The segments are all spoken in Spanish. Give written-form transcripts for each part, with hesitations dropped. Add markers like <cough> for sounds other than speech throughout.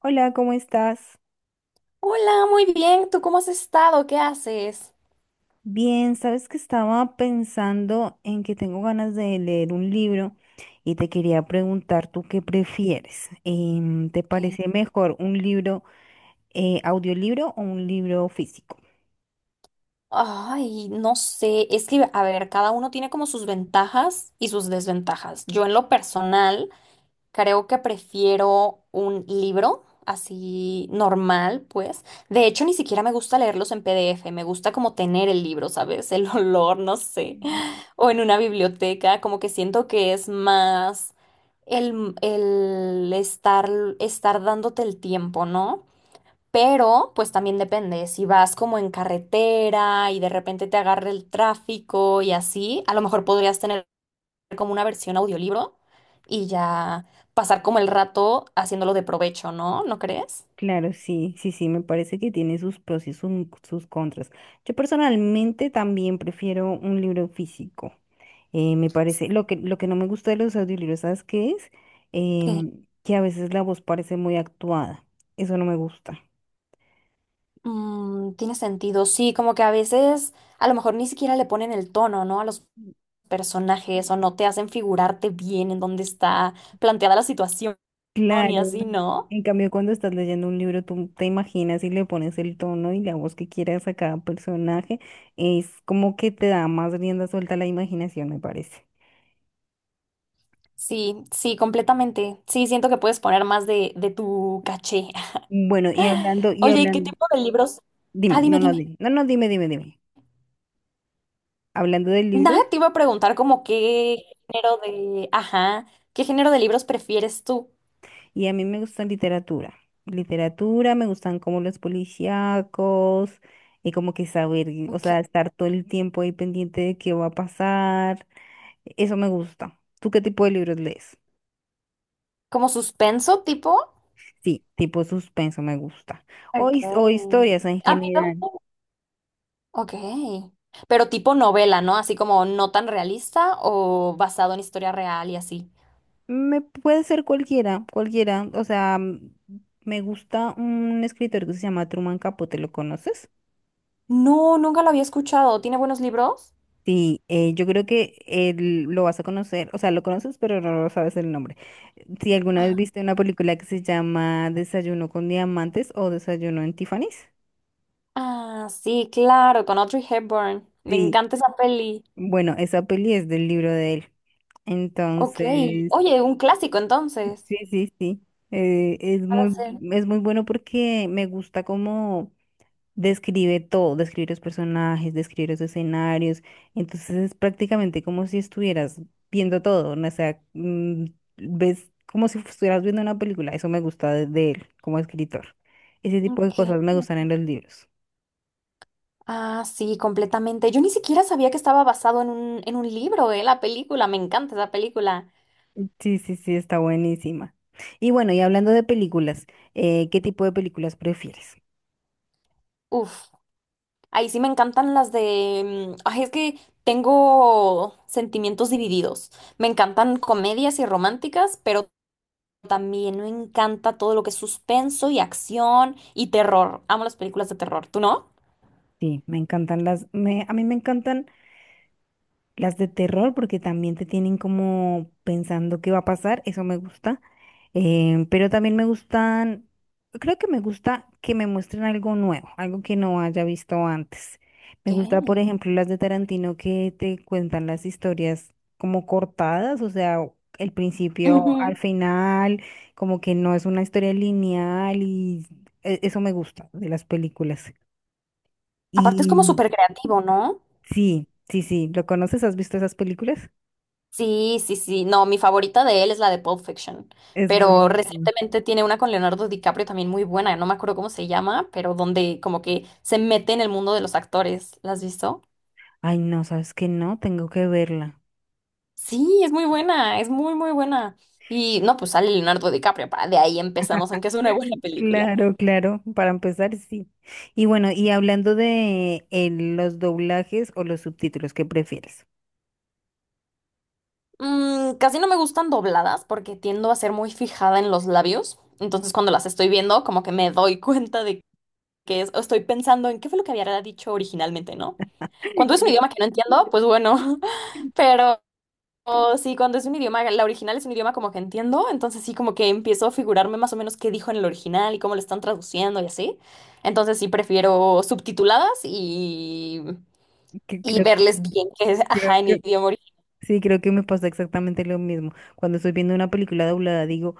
Hola, ¿cómo estás? Hola, muy bien. ¿Tú cómo has estado? ¿Qué haces? Bien, sabes que estaba pensando en que tengo ganas de leer un libro y te quería preguntar tú qué prefieres. ¿Te parece Ok. mejor un libro audiolibro o un libro físico? Ay, no sé. Es que, a ver, cada uno tiene como sus ventajas y sus desventajas. Yo en lo personal creo que prefiero un libro así normal, pues. De hecho, ni siquiera me gusta leerlos en PDF. Me gusta como tener el libro, ¿sabes? <laughs> El olor, no sé. O en una biblioteca, como que siento que es más el estar, dándote el tiempo, ¿no? Pero, pues también depende, si vas como en carretera y de repente te agarra el tráfico y así, a lo mejor podrías tener como una versión audiolibro y ya pasar como el rato haciéndolo de provecho, ¿no? ¿No crees? Claro, sí, sí, sí, me parece que tiene sus pros y sus contras. Yo personalmente también prefiero un libro físico. Me parece, lo que no me gusta de los audiolibros, ¿sabes qué es? Que Em, que a veces la voz parece muy actuada. Eso no me gusta. Tiene sentido, sí, como que a veces a lo mejor ni siquiera le ponen el tono, ¿no? A los personajes o no te hacen figurarte bien en dónde está planteada la situación y Claro. así, ¿no? En cambio, cuando estás leyendo un libro, tú te imaginas y le pones el tono y la voz que quieras a cada personaje. Es como que te da más rienda suelta a la imaginación, me parece. Sí, sí, completamente. Sí, siento que puedes poner más de tu caché. <laughs> Bueno, y Oye, ¿y qué hablando, tipo de libros? Ah, dime, dime, no, no, dime. No, no, dime, dime, dime. Hablando de Nada, libros, te iba a preguntar como qué género de, ajá, ¿qué género de libros prefieres tú? y a mí me gusta literatura. Literatura, me gustan como los policíacos, y como que saber, o ¿Qué- sea, estar todo el tiempo ahí pendiente de qué va a pasar. Eso me gusta. ¿Tú qué tipo de libros lees? ¿Como suspenso tipo? Sí, tipo suspenso me gusta. O, o Okay. historias en A mí general. tampoco. Ok. Pero tipo novela, ¿no? Así como no tan realista o basado en historia real y así. Me puede ser cualquiera, cualquiera. O sea, me gusta un escritor que se llama Truman Capote, ¿lo conoces? No, nunca lo había escuchado. ¿Tiene buenos libros? Sí, yo creo que él lo vas a conocer, o sea, lo conoces, pero no lo sabes el nombre. Si alguna vez viste una película que se llama Desayuno con Diamantes o Desayuno en Tiffany's. Ah, sí, claro, con Audrey Hepburn. Me Sí, encanta esa peli. bueno, esa peli es del libro de él. Ok. Entonces, Oye, un clásico entonces. sí, sí, sí. Eh, es Va a muy, ser. es muy bueno porque me gusta cómo describe todo, describe los personajes, describe los escenarios. Entonces es prácticamente como si estuvieras viendo todo, ¿no? O sea, ves como si estuvieras viendo una película. Eso me gusta de él como escritor. Ese tipo de Ok. cosas me gustan en los libros. Ah, sí, completamente. Yo ni siquiera sabía que estaba basado en un libro, la película. Me encanta esa película. Sí, sí, sí, está buenísima. Y bueno, y hablando de películas, ¿qué tipo de películas prefieres? Uf, ahí sí me encantan las de... mm, Ay, es que tengo sentimientos divididos. Me encantan comedias y románticas, pero también me encanta todo lo que es suspenso y acción y terror. Amo las películas de terror. ¿Tú no? Sí, me encantan a mí me encantan. Las de terror, porque también te tienen como pensando qué va a pasar, eso me gusta. Pero también me gustan, creo que me gusta que me muestren algo nuevo, algo que no haya visto antes. Me gusta, por Ok. ejemplo, las de Tarantino que te cuentan las historias como cortadas, o sea, el principio al Ujú. final, como que no es una historia lineal y eso me gusta de las películas. Aparte es como Y súper creativo, ¿no? sí, sí, sí, ¿lo conoces? ¿Has visto esas películas? Sí, sí, sí. No, mi favorita de él es la de Pulp Fiction, Es pero buenísimo. recientemente tiene una con Leonardo DiCaprio también muy buena, no me acuerdo cómo se llama, pero donde como que se mete en el mundo de los actores. ¿La has visto? Ay, no, ¿sabes qué? No, tengo que verla. Sí, es muy buena, es muy, muy buena. Y no, pues sale Leonardo DiCaprio, para de ahí empezamos en que es una buena <laughs> <laughs> película. Claro, claro, para empezar, sí. Y bueno, y hablando de los doblajes o los subtítulos, ¿qué prefieres? Casi no me gustan dobladas porque tiendo a ser muy fijada en los labios. Entonces cuando las estoy viendo, como que me doy cuenta estoy pensando en qué fue lo que había dicho originalmente, ¿no? Cuando es <laughs> un idioma que no entiendo, pues bueno, <laughs> pero o sí, cuando es un idioma, la original es un idioma como que entiendo, entonces sí como que empiezo a figurarme más o menos qué dijo en el original y cómo lo están traduciendo y así. Entonces sí prefiero subtituladas y, Que y creo, verles bien que es, ajá, Creo en que idioma original. sí, creo que me pasa exactamente lo mismo. Cuando estoy viendo una película doblada, digo,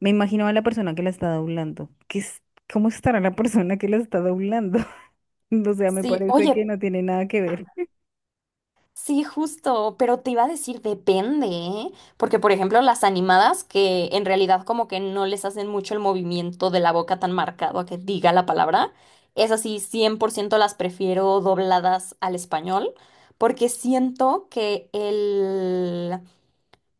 me imagino a la persona que la está doblando. ¿Qué es, cómo estará la persona que la está doblando? <laughs> O sea, me Sí, parece oye, que no tiene nada que ver. sí, justo, pero te iba a decir depende, ¿eh? Porque por ejemplo las animadas que en realidad como que no les hacen mucho el movimiento de la boca tan marcado a que diga la palabra, es así, 100% las prefiero dobladas al español, porque siento que el,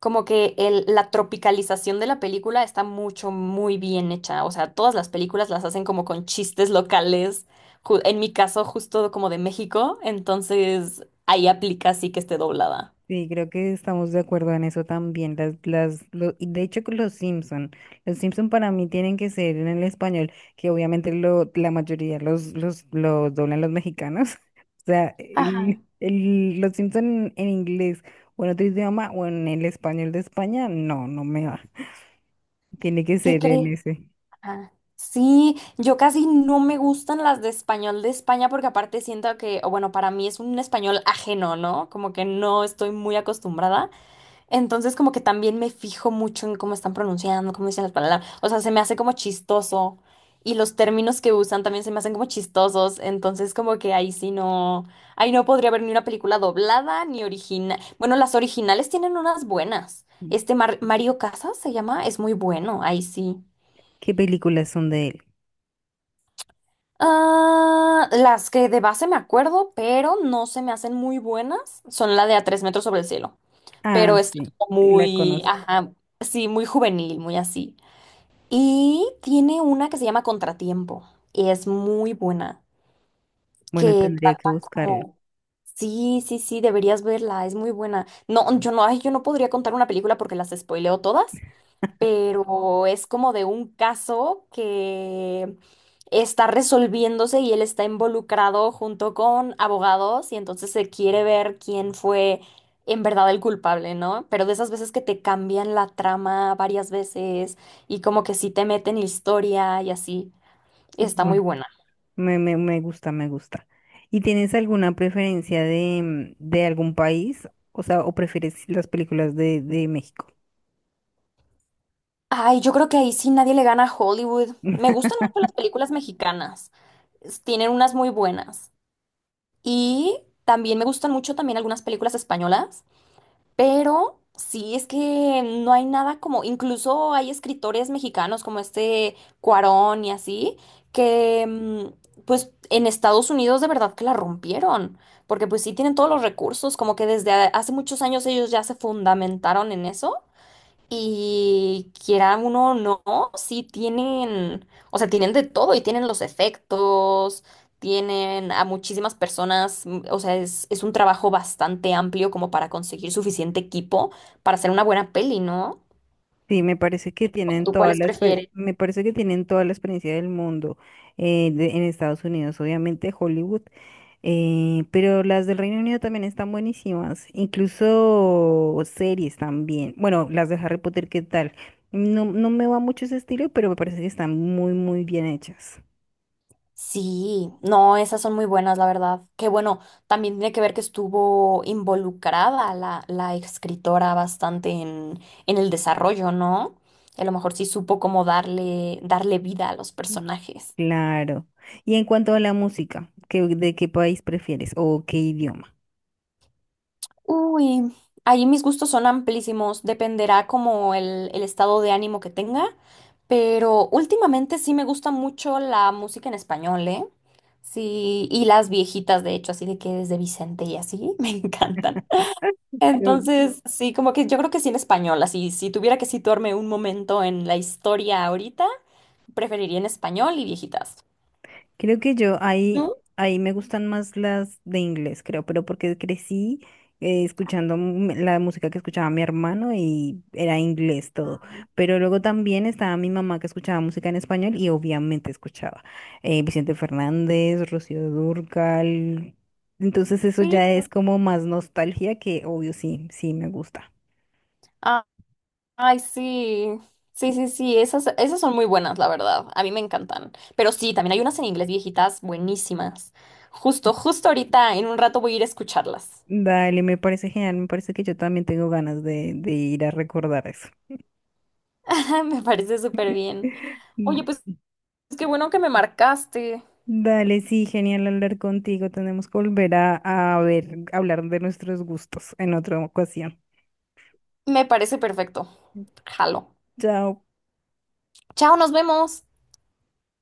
como que el- la tropicalización de la película está mucho, muy bien hecha. O sea, todas las películas las hacen como con chistes locales. En mi caso, justo como de México, entonces ahí aplica sí que esté doblada. Sí, creo que estamos de acuerdo en eso también. Y de hecho, con los Simpson para mí tienen que ser en el español, que obviamente la mayoría los doblan los mexicanos. <laughs> O sea, Ajá. Los Simpson en, inglés o en otro idioma o en el español de España, no, no me va. Tiene que ¿Qué ser en crees? ese. Ajá. Sí, yo casi no me gustan las de español de España porque aparte siento que, o bueno, para mí es un español ajeno, ¿no? Como que no estoy muy acostumbrada. Entonces como que también me fijo mucho en cómo están pronunciando, cómo dicen las palabras. O sea, se me hace como chistoso. Y los términos que usan también se me hacen como chistosos. Entonces como que ahí sí no. Ahí no podría haber ni una película doblada ni original. Bueno, las originales tienen unas buenas. Este Mario Casas se llama, es muy bueno, ahí sí. ¿Qué películas son de él? Ah, las que de base me acuerdo, pero no se me hacen muy buenas, son la de A tres metros sobre el cielo. Ah, Pero es sí, como sí la muy, conozco. ajá, sí, muy juvenil, muy así. Y tiene una que se llama Contratiempo. Y es muy buena. Bueno, Que tendría trata que buscarlo. como. Sí, sí, sí, deberías verla. Es muy buena. No, yo no, ay, yo no podría contar una película porque las spoileo todas, <laughs> pero es como de un caso que está resolviéndose y él está involucrado junto con abogados y entonces se quiere ver quién fue en verdad el culpable, ¿no? Pero de esas veces que te cambian la trama varias veces y como que sí te meten historia y así, está muy Bueno. buena. Me gusta, me gusta. ¿Y tienes alguna preferencia de, de algún país? O sea, ¿o prefieres las películas de México? Ay, yo creo que ahí sí nadie le gana a Hollywood. Me <laughs> gustan mucho las películas mexicanas. Tienen unas muy buenas. Y también me gustan mucho también algunas películas españolas. Pero sí, es que no hay nada como, incluso hay escritores mexicanos como este Cuarón y así, que pues en Estados Unidos de verdad que la rompieron, porque pues sí tienen todos los recursos, como que desde hace muchos años ellos ya se fundamentaron en eso y quiera uno o no, sí tienen, o sea, tienen de todo y tienen los efectos, tienen a muchísimas personas, o sea, es un trabajo bastante amplio como para conseguir suficiente equipo para hacer una buena peli, ¿no? Sí, me parece que tienen ¿Tú toda cuáles prefieres? me parece que tienen toda la experiencia del mundo en Estados Unidos, obviamente, Hollywood, pero las del Reino Unido también están buenísimas, incluso series también. Bueno, las de Harry Potter, ¿qué tal? No, no me va mucho ese estilo, pero me parece que están muy, muy bien hechas. Sí, no, esas son muy buenas, la verdad. Que bueno, también tiene que ver que estuvo involucrada la escritora bastante en el desarrollo, ¿no? A lo mejor sí supo cómo darle vida a los personajes. Claro. Y en cuanto a la música, ¿qué, de qué país prefieres o qué idioma? Uy, ahí mis gustos son amplísimos, dependerá como el estado de ánimo que tenga, pero últimamente sí me gusta mucho la música en español, ¿eh? Sí, y las viejitas, de hecho, así de que desde Vicente y así, <laughs> me encantan. Creo, Entonces, sí, como que yo creo que sí en español, así, si tuviera que situarme un momento en la historia ahorita, preferiría en español y viejitas. Creo que yo ahí, ¿Tú? Ahí me gustan más las de inglés, creo, pero porque crecí escuchando la música que escuchaba mi hermano y era inglés todo. Pero luego también estaba mi mamá que escuchaba música en español y obviamente escuchaba Vicente Fernández, Rocío Dúrcal. Entonces eso Sí. ya es como más nostalgia que obvio sí, sí me gusta. Ah, ay, sí. Sí, sí, sí, esas son muy buenas, la verdad. A mí me encantan. Pero sí, también hay unas en inglés viejitas buenísimas. Justo, justo ahorita, en un rato voy a ir a escucharlas. Dale, me parece genial, me parece que yo también tengo ganas de ir a recordar eso. <laughs> Me parece súper bien. Oye, pues <laughs> qué bueno que me marcaste. Dale, sí, genial hablar contigo. Tenemos que volver a ver, hablar de nuestros gustos en otra ocasión. Me parece perfecto. Jalo. Chao. Chao, nos vemos.